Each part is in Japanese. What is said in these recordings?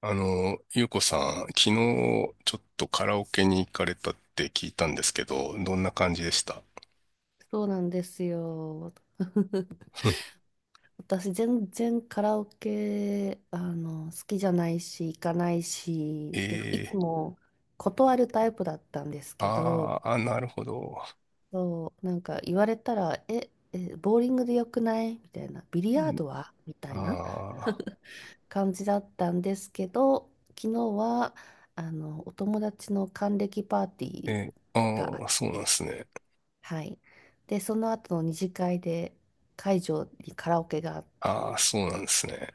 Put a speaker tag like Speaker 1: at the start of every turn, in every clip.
Speaker 1: ゆうこさん、昨日ちょっとカラオケに行かれたって聞いたんですけど、どんな感じでした？
Speaker 2: そうなんですよ。私、全然カラオケ、好きじゃないし、行かない
Speaker 1: え
Speaker 2: し、で、いつ
Speaker 1: ー、
Speaker 2: も断るタイプだったんですけど、
Speaker 1: あーあ、なるほど。
Speaker 2: そう、なんか言われたら、ボーリングでよくないみたいな、ビリ
Speaker 1: う
Speaker 2: ヤー
Speaker 1: ん、
Speaker 2: ドはみたいな
Speaker 1: あ
Speaker 2: 感じだったんですけど、昨日は、お友達の還暦パーティ
Speaker 1: ー、
Speaker 2: ー
Speaker 1: えー、
Speaker 2: があ
Speaker 1: あ
Speaker 2: っ
Speaker 1: ー、そうなんで
Speaker 2: て、
Speaker 1: すね。
Speaker 2: はい。で、その後の二次会で会場にカラオケがあって、
Speaker 1: ああ、そうなんですね。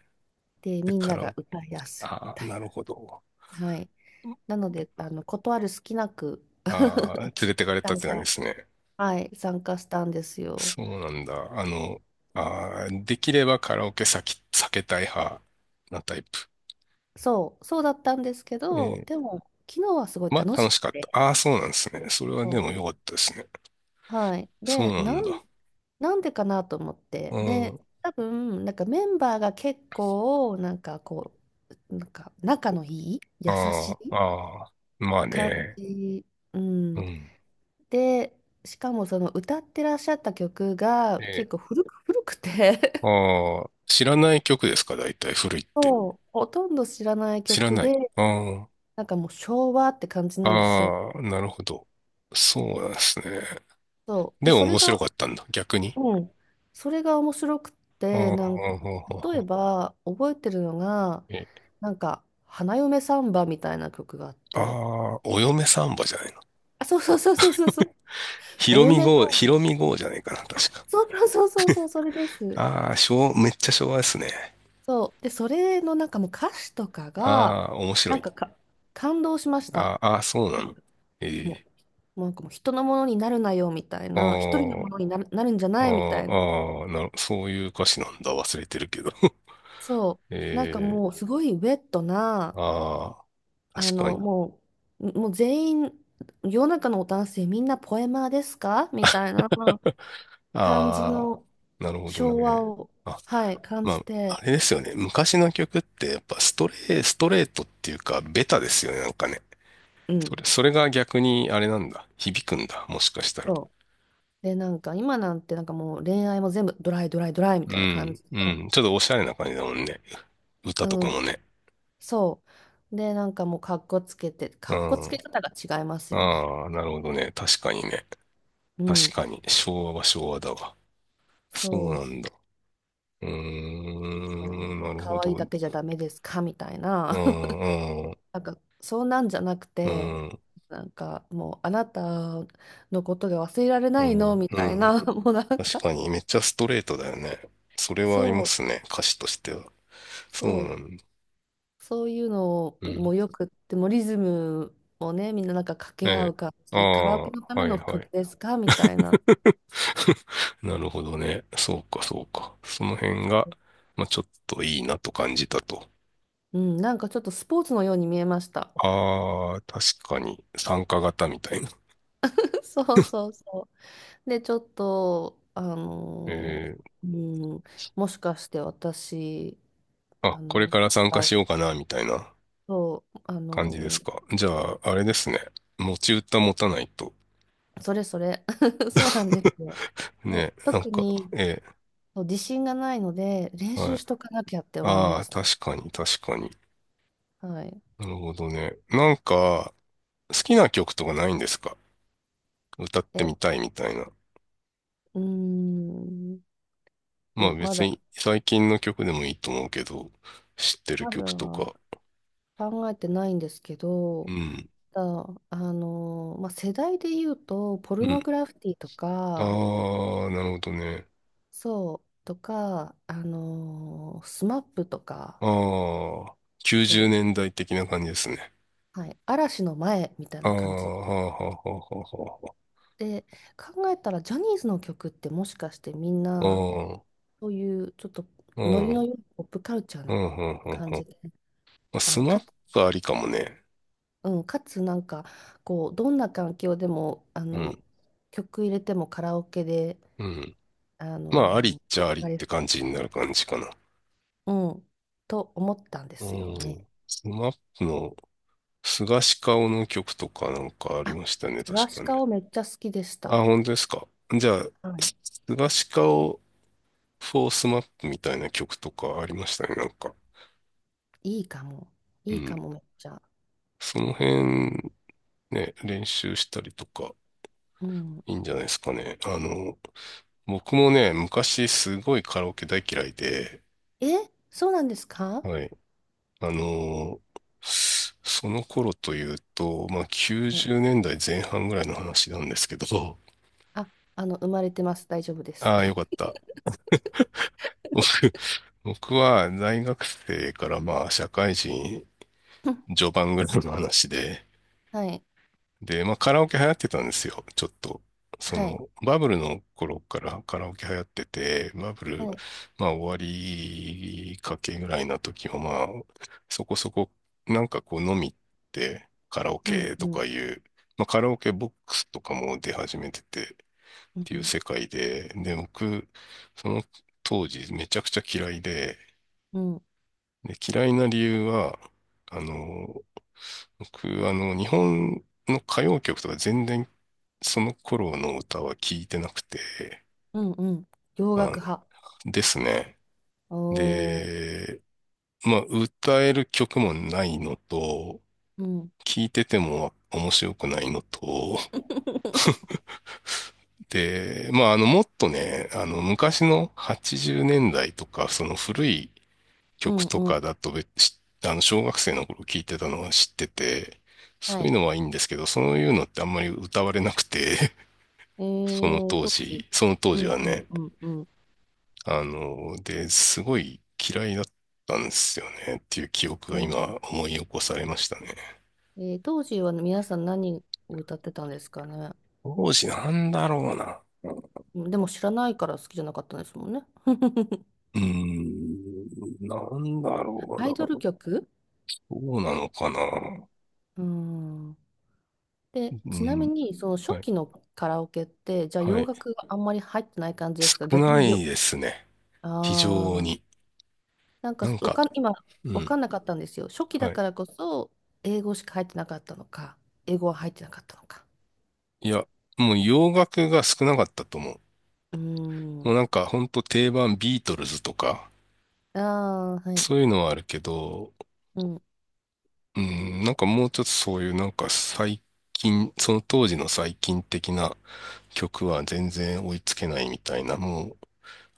Speaker 2: で、
Speaker 1: で、
Speaker 2: みん
Speaker 1: カ
Speaker 2: な
Speaker 1: ラ
Speaker 2: が
Speaker 1: オケ、
Speaker 2: 歌い出すみ
Speaker 1: ああ、
Speaker 2: たい
Speaker 1: なるほど。
Speaker 2: な。はい。なので、断る隙なく
Speaker 1: ああ、連れてかれ たっ
Speaker 2: 参
Speaker 1: て感じで
Speaker 2: 加、
Speaker 1: すね。
Speaker 2: はい、参加したんですよ。
Speaker 1: そうなんだ。あの、できればカラオケ先避けたい派なタイプ。
Speaker 2: そう、そうだったんですけど、でも、昨日はすごい
Speaker 1: ま
Speaker 2: 楽
Speaker 1: あ、
Speaker 2: し
Speaker 1: 楽し
Speaker 2: く
Speaker 1: かった。
Speaker 2: て、
Speaker 1: ああ、そうなんですね。それはでも良
Speaker 2: そ
Speaker 1: かったですね。
Speaker 2: う、はい。
Speaker 1: そう
Speaker 2: で、
Speaker 1: な
Speaker 2: な
Speaker 1: ん
Speaker 2: ん、
Speaker 1: だ。
Speaker 2: なんでかなと思っ
Speaker 1: う
Speaker 2: て、で、
Speaker 1: ん。
Speaker 2: 多分、なんかメンバーが結構、なんかこう、なんか仲のいい、
Speaker 1: あ
Speaker 2: 優し
Speaker 1: あ、
Speaker 2: い
Speaker 1: ああ。まあ
Speaker 2: 感
Speaker 1: ね。
Speaker 2: じ。う
Speaker 1: う
Speaker 2: ん。
Speaker 1: ん。
Speaker 2: で、しかもその歌ってらっしゃった曲が
Speaker 1: え、
Speaker 2: 結構古くて、
Speaker 1: ああ、知らない曲ですか？大体古いっ て。
Speaker 2: そう、ほとんど知らない
Speaker 1: 知ら
Speaker 2: 曲
Speaker 1: ない。
Speaker 2: で、
Speaker 1: あ
Speaker 2: なんかもう昭和って感じ
Speaker 1: あ、
Speaker 2: なんですよ。
Speaker 1: ああ、なるほど。そうなんですね。
Speaker 2: そう。で、
Speaker 1: でも
Speaker 2: そ
Speaker 1: 面
Speaker 2: れ
Speaker 1: 白
Speaker 2: が、
Speaker 1: かったんだ。逆に。
Speaker 2: うん。それが面白くっ
Speaker 1: あ
Speaker 2: て、
Speaker 1: あ、
Speaker 2: なんか、
Speaker 1: ほうほう
Speaker 2: 例え
Speaker 1: ほ
Speaker 2: ば覚えてるのが、
Speaker 1: う、え、
Speaker 2: なんか、花嫁サンバみたいな曲があっ
Speaker 1: あ
Speaker 2: て、
Speaker 1: あ、お嫁サンバじゃないの？
Speaker 2: あ、そうそうそうそうそうそう。
Speaker 1: ひ
Speaker 2: お
Speaker 1: ろみ
Speaker 2: 嫁さ
Speaker 1: 号、ひ
Speaker 2: ん。
Speaker 1: ろみ号じゃないかな、確か。
Speaker 2: そうそうそうそうそう、それです。
Speaker 1: ああ、めっちゃ昭和ですね。
Speaker 2: そう。で、それのなんかもう歌詞とかが、
Speaker 1: ああ、面白
Speaker 2: なん
Speaker 1: い。
Speaker 2: か、感動しました。
Speaker 1: あ、あ、そうなの。え
Speaker 2: も
Speaker 1: え。
Speaker 2: もうなんかもう人のものになるなよみたい
Speaker 1: あ
Speaker 2: な、一人のものになるんじゃ
Speaker 1: あ、あ
Speaker 2: ないみたい
Speaker 1: あ、
Speaker 2: な。
Speaker 1: ああ、そういう歌詞なんだ。忘れてるけど。
Speaker 2: そ う。なんか
Speaker 1: ええ。
Speaker 2: もうすごいウェットな、
Speaker 1: ああ、
Speaker 2: あ
Speaker 1: 確か
Speaker 2: の、
Speaker 1: に。
Speaker 2: ももう全員、世の中の男性みんなポエマーですかみたいな感じ
Speaker 1: あ
Speaker 2: の
Speaker 1: あ、なるほど
Speaker 2: 昭和
Speaker 1: ね。
Speaker 2: を、
Speaker 1: あ、
Speaker 2: はい、感
Speaker 1: ま
Speaker 2: じ
Speaker 1: あ、
Speaker 2: て、
Speaker 1: あれですよね。昔の曲ってやっぱストレートっていうか、ベタですよね。なんかね。
Speaker 2: うん。
Speaker 1: それが逆にあれなんだ。響くんだ。もしかしたら。
Speaker 2: そう。で、なんか今なんてなんかもう恋愛も全部ドライドライドライみ
Speaker 1: う
Speaker 2: たいな感
Speaker 1: ん、
Speaker 2: じで。
Speaker 1: うん。ちょっとおしゃれな感じだもんね。歌と
Speaker 2: う
Speaker 1: かも
Speaker 2: ん、
Speaker 1: ね。
Speaker 2: そう。で、なんかもう、かっこつけて、
Speaker 1: う
Speaker 2: かっこつ
Speaker 1: ん。
Speaker 2: け方が違いますよね。
Speaker 1: ああ、なるほどね。確かにね。
Speaker 2: うん、
Speaker 1: 確かに、昭和は昭和だわ。そう
Speaker 2: そ
Speaker 1: なん
Speaker 2: う。
Speaker 1: だ。うー
Speaker 2: なん
Speaker 1: ん、
Speaker 2: か
Speaker 1: なるほ
Speaker 2: 可愛
Speaker 1: ど。
Speaker 2: い
Speaker 1: う
Speaker 2: だ
Speaker 1: ん、
Speaker 2: けじゃダメですかみたいな。
Speaker 1: うん、
Speaker 2: なんか、そうなんじゃなく
Speaker 1: う
Speaker 2: て、
Speaker 1: ん、
Speaker 2: なんかもう、あなたのことが忘れられ
Speaker 1: う
Speaker 2: ない
Speaker 1: ん、
Speaker 2: のみ
Speaker 1: う
Speaker 2: たい
Speaker 1: ん。
Speaker 2: な、もうなん
Speaker 1: 確
Speaker 2: か、
Speaker 1: かに、めっちゃストレートだよね。それはあり
Speaker 2: そ
Speaker 1: ま
Speaker 2: う、
Speaker 1: すね、歌詞としては。そう
Speaker 2: そう、
Speaker 1: なんだ。
Speaker 2: そういうの
Speaker 1: うん。
Speaker 2: もよくって、もうリズムをね、みんななんか掛
Speaker 1: え
Speaker 2: け合う
Speaker 1: え。
Speaker 2: 感
Speaker 1: あ
Speaker 2: じ、カラオ
Speaker 1: あ、
Speaker 2: ケのため
Speaker 1: はい
Speaker 2: の
Speaker 1: は
Speaker 2: 曲
Speaker 1: い。
Speaker 2: ですかみたいな。
Speaker 1: なるほどね。そうか、そうか。その辺が、まあ、ちょっといいなと感じたと。
Speaker 2: うん、なんかちょっとスポーツのように見えました。
Speaker 1: ああ、確かに、参加型みたいな。
Speaker 2: そうそうそう。で、ちょっと、
Speaker 1: ええ。
Speaker 2: ー、うん、もしかして私、あ
Speaker 1: あ、これ
Speaker 2: の、
Speaker 1: から
Speaker 2: か
Speaker 1: 参加
Speaker 2: ら
Speaker 1: しようかな、みたいな。
Speaker 2: そう、
Speaker 1: 感じですか？じゃあ、あれですね。持ち歌持たないと。
Speaker 2: それそれ、そうなんですよ。で、
Speaker 1: ね、なん
Speaker 2: 特
Speaker 1: か、
Speaker 2: に
Speaker 1: え
Speaker 2: そう自信がないので、練
Speaker 1: え、は
Speaker 2: 習
Speaker 1: い。
Speaker 2: しとかなきゃって思い
Speaker 1: あ
Speaker 2: ま
Speaker 1: あ、
Speaker 2: す。
Speaker 1: 確かに、確かに。
Speaker 2: はい。
Speaker 1: なるほどね。なんか、好きな曲とかないんですか？歌って
Speaker 2: え、
Speaker 1: みたいみたいな。
Speaker 2: うーん、う
Speaker 1: まあ
Speaker 2: ん、ま
Speaker 1: 別
Speaker 2: だ、
Speaker 1: に最近の曲でもいいと思うけど、知ってる
Speaker 2: まだ
Speaker 1: 曲とか。
Speaker 2: 考えてないんですけ
Speaker 1: う
Speaker 2: ど、
Speaker 1: ん。
Speaker 2: ただ、まあ、世代で言うと、ポ
Speaker 1: う
Speaker 2: ル
Speaker 1: ん。
Speaker 2: ノグラフィティと
Speaker 1: あ
Speaker 2: か、
Speaker 1: あ、なるほどね。
Speaker 2: そう、とか、スマップとか、
Speaker 1: ああ、90
Speaker 2: そ
Speaker 1: 年代的な感じですね。
Speaker 2: う、はい、嵐の前みたい
Speaker 1: ああ、
Speaker 2: な
Speaker 1: は
Speaker 2: 感じ
Speaker 1: あはあはあは
Speaker 2: で、考えたら、ジャニーズの曲ってもしかしてみん
Speaker 1: あ
Speaker 2: な、
Speaker 1: はあ。
Speaker 2: そういうちょっと
Speaker 1: う
Speaker 2: ノ
Speaker 1: ん。
Speaker 2: リ
Speaker 1: う
Speaker 2: の
Speaker 1: ん。
Speaker 2: 良いポップカルチャー
Speaker 1: う
Speaker 2: な
Speaker 1: ん。うん。
Speaker 2: 感
Speaker 1: う
Speaker 2: じ
Speaker 1: ん。
Speaker 2: で、あ
Speaker 1: ス
Speaker 2: の、
Speaker 1: ナ
Speaker 2: か、
Speaker 1: ックありかもね。
Speaker 2: うん、かつなんか、こう、どんな環境でも、
Speaker 1: うん。
Speaker 2: 曲入れてもカラオケで、
Speaker 1: うん。まあ、ありっち
Speaker 2: 盛り
Speaker 1: ゃあ
Speaker 2: 上
Speaker 1: りっ
Speaker 2: が
Speaker 1: て
Speaker 2: れ
Speaker 1: 感
Speaker 2: そ
Speaker 1: じになる感じかな。
Speaker 2: う、うん、と思ったんで
Speaker 1: う
Speaker 2: すよね。
Speaker 1: ん。スマップの菅氏顔の曲とかなんかあり
Speaker 2: あ、
Speaker 1: ましたね、
Speaker 2: スガ
Speaker 1: 確か
Speaker 2: シ
Speaker 1: ね。
Speaker 2: カオめっちゃ好きでし
Speaker 1: あ、
Speaker 2: た。
Speaker 1: 本当ですか？じゃあ、
Speaker 2: はい、
Speaker 1: す菅氏顔フォースマップみたいな曲とかありましたね、なんか。
Speaker 2: いいかも。
Speaker 1: う
Speaker 2: いいか
Speaker 1: ん。
Speaker 2: も、めっちゃ。
Speaker 1: その辺、ね、練習したりとか、
Speaker 2: うん。
Speaker 1: いいんじゃないですかね。僕もね、昔すごいカラオケ大嫌いで、
Speaker 2: え、そうなんですか？
Speaker 1: はい。あのーその頃というと、まあ、90
Speaker 2: はい。
Speaker 1: 年代前半ぐらいの話なんですけど、
Speaker 2: あ、生まれてます。大丈夫です。
Speaker 1: ああ、よかった。僕、僕は大学生からまあ、社会人 序盤ぐらいの話で、
Speaker 2: はい。
Speaker 1: で、まあカラオケ流行ってたんですよ。ちょっと。そ
Speaker 2: はい。
Speaker 1: の、バブルの頃からカラオケ流行ってて、バブル、
Speaker 2: はい。
Speaker 1: まあ終わりかけぐらいな時もまあ、そこそこ、なんかこう飲みってカラオ
Speaker 2: うん、
Speaker 1: ケと
Speaker 2: う
Speaker 1: か
Speaker 2: ん、
Speaker 1: いう、まあカラオケボックスとかも出始めててっ
Speaker 2: う
Speaker 1: ていう
Speaker 2: ん、
Speaker 1: 世界で、で、僕、その当時めちゃくちゃ嫌いで、
Speaker 2: うん、
Speaker 1: で、嫌いな理由は、あの、僕、日本の歌謡曲とか全然その頃の歌は聞いてなくて、
Speaker 2: うん、うん。洋
Speaker 1: あ
Speaker 2: 楽派。
Speaker 1: ですね。
Speaker 2: おー。
Speaker 1: で、まあ、歌える曲もないのと、
Speaker 2: うん。
Speaker 1: 聞いてても面白くないのと、で、まあ、もっとね、昔の80年代とか、その古い
Speaker 2: う
Speaker 1: 曲
Speaker 2: ん、
Speaker 1: と
Speaker 2: うん。
Speaker 1: かだと別、べし小学生の頃聞いてたのは知ってて、
Speaker 2: は
Speaker 1: そういう
Speaker 2: い。
Speaker 1: のはいいんですけど、そういうのってあんまり歌われなくて、その当
Speaker 2: 当時。
Speaker 1: 時、その当
Speaker 2: う
Speaker 1: 時は
Speaker 2: ん、う
Speaker 1: ね。
Speaker 2: ん、うん、うん。
Speaker 1: で、すごい嫌いだったんですよねっていう記憶
Speaker 2: う
Speaker 1: が
Speaker 2: んうん。
Speaker 1: 今思い起こされましたね。
Speaker 2: 当時は皆さん何を歌ってたんですかね。
Speaker 1: 当時なんだろうな。
Speaker 2: うん、でも知らないから好きじゃなかったんですもんね。
Speaker 1: うーん、なんだろ
Speaker 2: アイド
Speaker 1: う
Speaker 2: ル
Speaker 1: な。
Speaker 2: 曲。
Speaker 1: どうなのかな。
Speaker 2: うーん。で、
Speaker 1: う
Speaker 2: ちなみ
Speaker 1: ん、
Speaker 2: に、その初
Speaker 1: はい、
Speaker 2: 期のカラオケって、じゃあ
Speaker 1: は
Speaker 2: 洋
Speaker 1: い。
Speaker 2: 楽があんまり入ってない感じですか？
Speaker 1: 少
Speaker 2: 逆
Speaker 1: な
Speaker 2: に
Speaker 1: い
Speaker 2: よ、
Speaker 1: ですね。非常
Speaker 2: ああ、
Speaker 1: に。
Speaker 2: なんか
Speaker 1: なん
Speaker 2: わ
Speaker 1: か、
Speaker 2: かん、今、
Speaker 1: う
Speaker 2: わ
Speaker 1: ん、
Speaker 2: かんなかったんですよ。初期だ
Speaker 1: はい。
Speaker 2: からこそ、英語しか入ってなかったのか、英語は入ってなかったのか。
Speaker 1: いや、もう洋楽が少なかったと思う。
Speaker 2: うー
Speaker 1: も
Speaker 2: ん。
Speaker 1: うなんかほんと定番ビートルズとか、
Speaker 2: ああ、はい。
Speaker 1: そういうのはあるけど、
Speaker 2: うん。
Speaker 1: うん、なんかもうちょっとそういうなんか最近、その当時の最近的な曲は全然追いつけないみたいな、もう、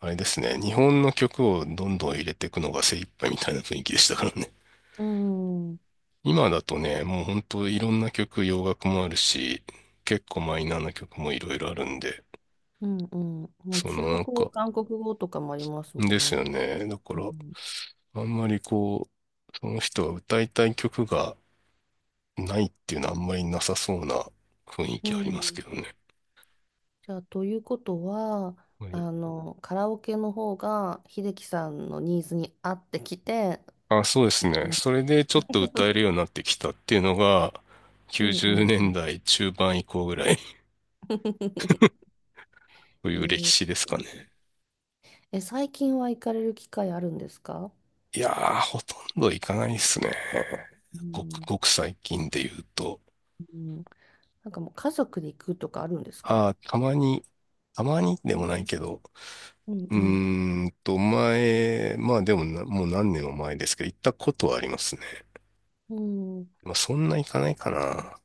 Speaker 1: あれですね、日本の曲をどんどん入れていくのが精一杯みたいな雰囲気でしたからね。
Speaker 2: うん。
Speaker 1: 今だとね、もう本当いろんな曲、洋楽もあるし、結構マイナーな曲もいろいろあるんで、
Speaker 2: うんうん。もう
Speaker 1: そ
Speaker 2: 中
Speaker 1: の
Speaker 2: 国
Speaker 1: なん
Speaker 2: 語、
Speaker 1: か、
Speaker 2: 韓国語とかもありますもん
Speaker 1: ですよ
Speaker 2: ね。
Speaker 1: ね。だか
Speaker 2: う
Speaker 1: ら、
Speaker 2: ん。
Speaker 1: あんまりこう、その人が歌いたい曲がないっていうのはあんまりなさそうな雰囲
Speaker 2: う
Speaker 1: 気ありますけ
Speaker 2: ん。
Speaker 1: どね。
Speaker 2: じゃあ、ということは、
Speaker 1: はい。
Speaker 2: カラオケの方が、秀樹さんのニーズに合ってきて、
Speaker 1: あ、そうですね。
Speaker 2: 行く
Speaker 1: それでちょっと歌えるようになってきたっていうのが、
Speaker 2: うん
Speaker 1: 90
Speaker 2: うん
Speaker 1: 年
Speaker 2: うん。
Speaker 1: 代中盤以降ぐらい とい
Speaker 2: え
Speaker 1: う歴
Speaker 2: ー
Speaker 1: 史ですかね。
Speaker 2: え、最近は行かれる機会あるんですか？
Speaker 1: いやー、ほとんどいかないですね。
Speaker 2: う
Speaker 1: ごく
Speaker 2: ん、
Speaker 1: ごく最近で言うと。
Speaker 2: うん。なんかもう家族で行くとかあるんですか？
Speaker 1: あー、たまに、たまにで
Speaker 2: え
Speaker 1: もない
Speaker 2: ー
Speaker 1: けど、
Speaker 2: うん
Speaker 1: うー
Speaker 2: う
Speaker 1: 前、まあでもな、もう何年も前ですけど、行ったことはありますね。
Speaker 2: ん。うん。
Speaker 1: まあそんな行かないかな。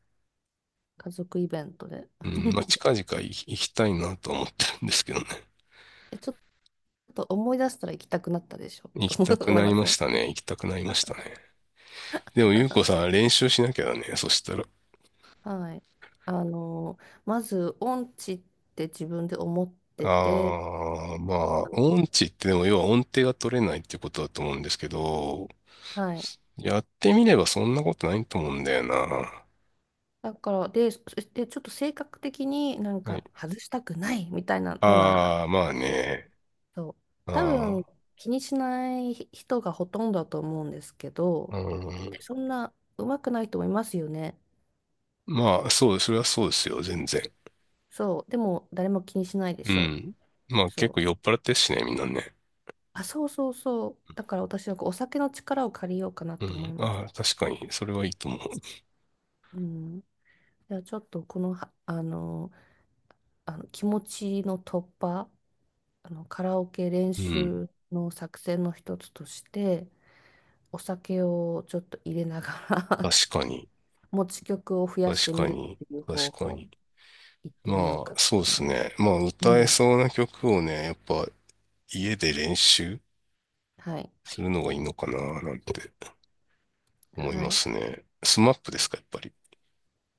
Speaker 2: 家族イベントで。
Speaker 1: うん、まあ近々行きたいなとは思ってるんですけどね。
Speaker 2: え、ちょっと思い出したら行きたくなったでしょ
Speaker 1: 行
Speaker 2: と
Speaker 1: きた く
Speaker 2: 思い
Speaker 1: な
Speaker 2: ま
Speaker 1: り
Speaker 2: す
Speaker 1: ま
Speaker 2: ね。
Speaker 1: したね。行きたくなりましたね。でも、ゆうこさん、練習しなきゃだね。そしたら。
Speaker 2: はい。あの、まず、音痴って自分で思ってて、
Speaker 1: ああ、まあ、音痴ってでも、要は音程が取れないってことだと思うんですけど、
Speaker 2: はい。
Speaker 1: やってみればそんなことないと思うんだよな。
Speaker 2: だから、で、そしてちょっと性格的になん
Speaker 1: はい。
Speaker 2: か外したくないみたいなのがあっ
Speaker 1: ああ、まあ
Speaker 2: て、
Speaker 1: ね。
Speaker 2: そう、多分
Speaker 1: あ
Speaker 2: 気にしない人がほとんどだと思うんですけど、
Speaker 1: あ、うん。
Speaker 2: で、そんな上手くない人もいますよね。
Speaker 1: まあ、そうです。それはそうですよ。全然。
Speaker 2: そう、でも誰も気にしないで
Speaker 1: う
Speaker 2: しょ。
Speaker 1: ん。まあ、結
Speaker 2: そ
Speaker 1: 構
Speaker 2: う。
Speaker 1: 酔っ払ってるしね、みんなね。
Speaker 2: あ、そうそうそう。だから私はこうお酒の力を借りようかな
Speaker 1: う
Speaker 2: と思い
Speaker 1: ん。
Speaker 2: まし
Speaker 1: あ
Speaker 2: た。
Speaker 1: あ、確かに。それはいいと思う。
Speaker 2: うん。じゃあちょっとこのは、あの、あの気持ちの突破カラオケ練
Speaker 1: うん。
Speaker 2: 習の作戦の一つとしてお酒をちょっと入れながら
Speaker 1: 確かに。
Speaker 2: 持ち曲を増やし
Speaker 1: 確
Speaker 2: てみ
Speaker 1: か
Speaker 2: る
Speaker 1: に。
Speaker 2: っていう方
Speaker 1: 確か
Speaker 2: 法
Speaker 1: に。
Speaker 2: 行ってみよう
Speaker 1: まあ、
Speaker 2: か
Speaker 1: そう
Speaker 2: と
Speaker 1: で
Speaker 2: 思
Speaker 1: す
Speaker 2: います。
Speaker 1: ね。まあ、
Speaker 2: う
Speaker 1: 歌え
Speaker 2: ん。
Speaker 1: そうな曲をね、やっぱ家で練習
Speaker 2: はい。
Speaker 1: するのがいいのかな、なんて思い
Speaker 2: は
Speaker 1: ま
Speaker 2: い。じ
Speaker 1: すね。スマップですか、やっぱり。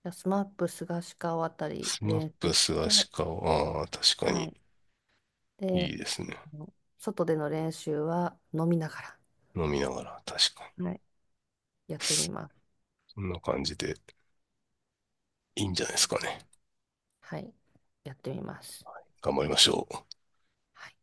Speaker 2: ゃあスマップ菅氏顔あたり
Speaker 1: スマッ
Speaker 2: 練
Speaker 1: プ、
Speaker 2: 習
Speaker 1: ス
Speaker 2: し
Speaker 1: ア
Speaker 2: て、
Speaker 1: シカオ、ああ、確か
Speaker 2: は
Speaker 1: に
Speaker 2: い。
Speaker 1: い
Speaker 2: で、
Speaker 1: いですね。
Speaker 2: あの外での練習は飲みなが
Speaker 1: 飲みながら、確かに。
Speaker 2: ら、はい、やってみます。
Speaker 1: こんな感じでいいんじゃないですかね。
Speaker 2: はい。やってみます。
Speaker 1: 頑張りましょう。
Speaker 2: はい。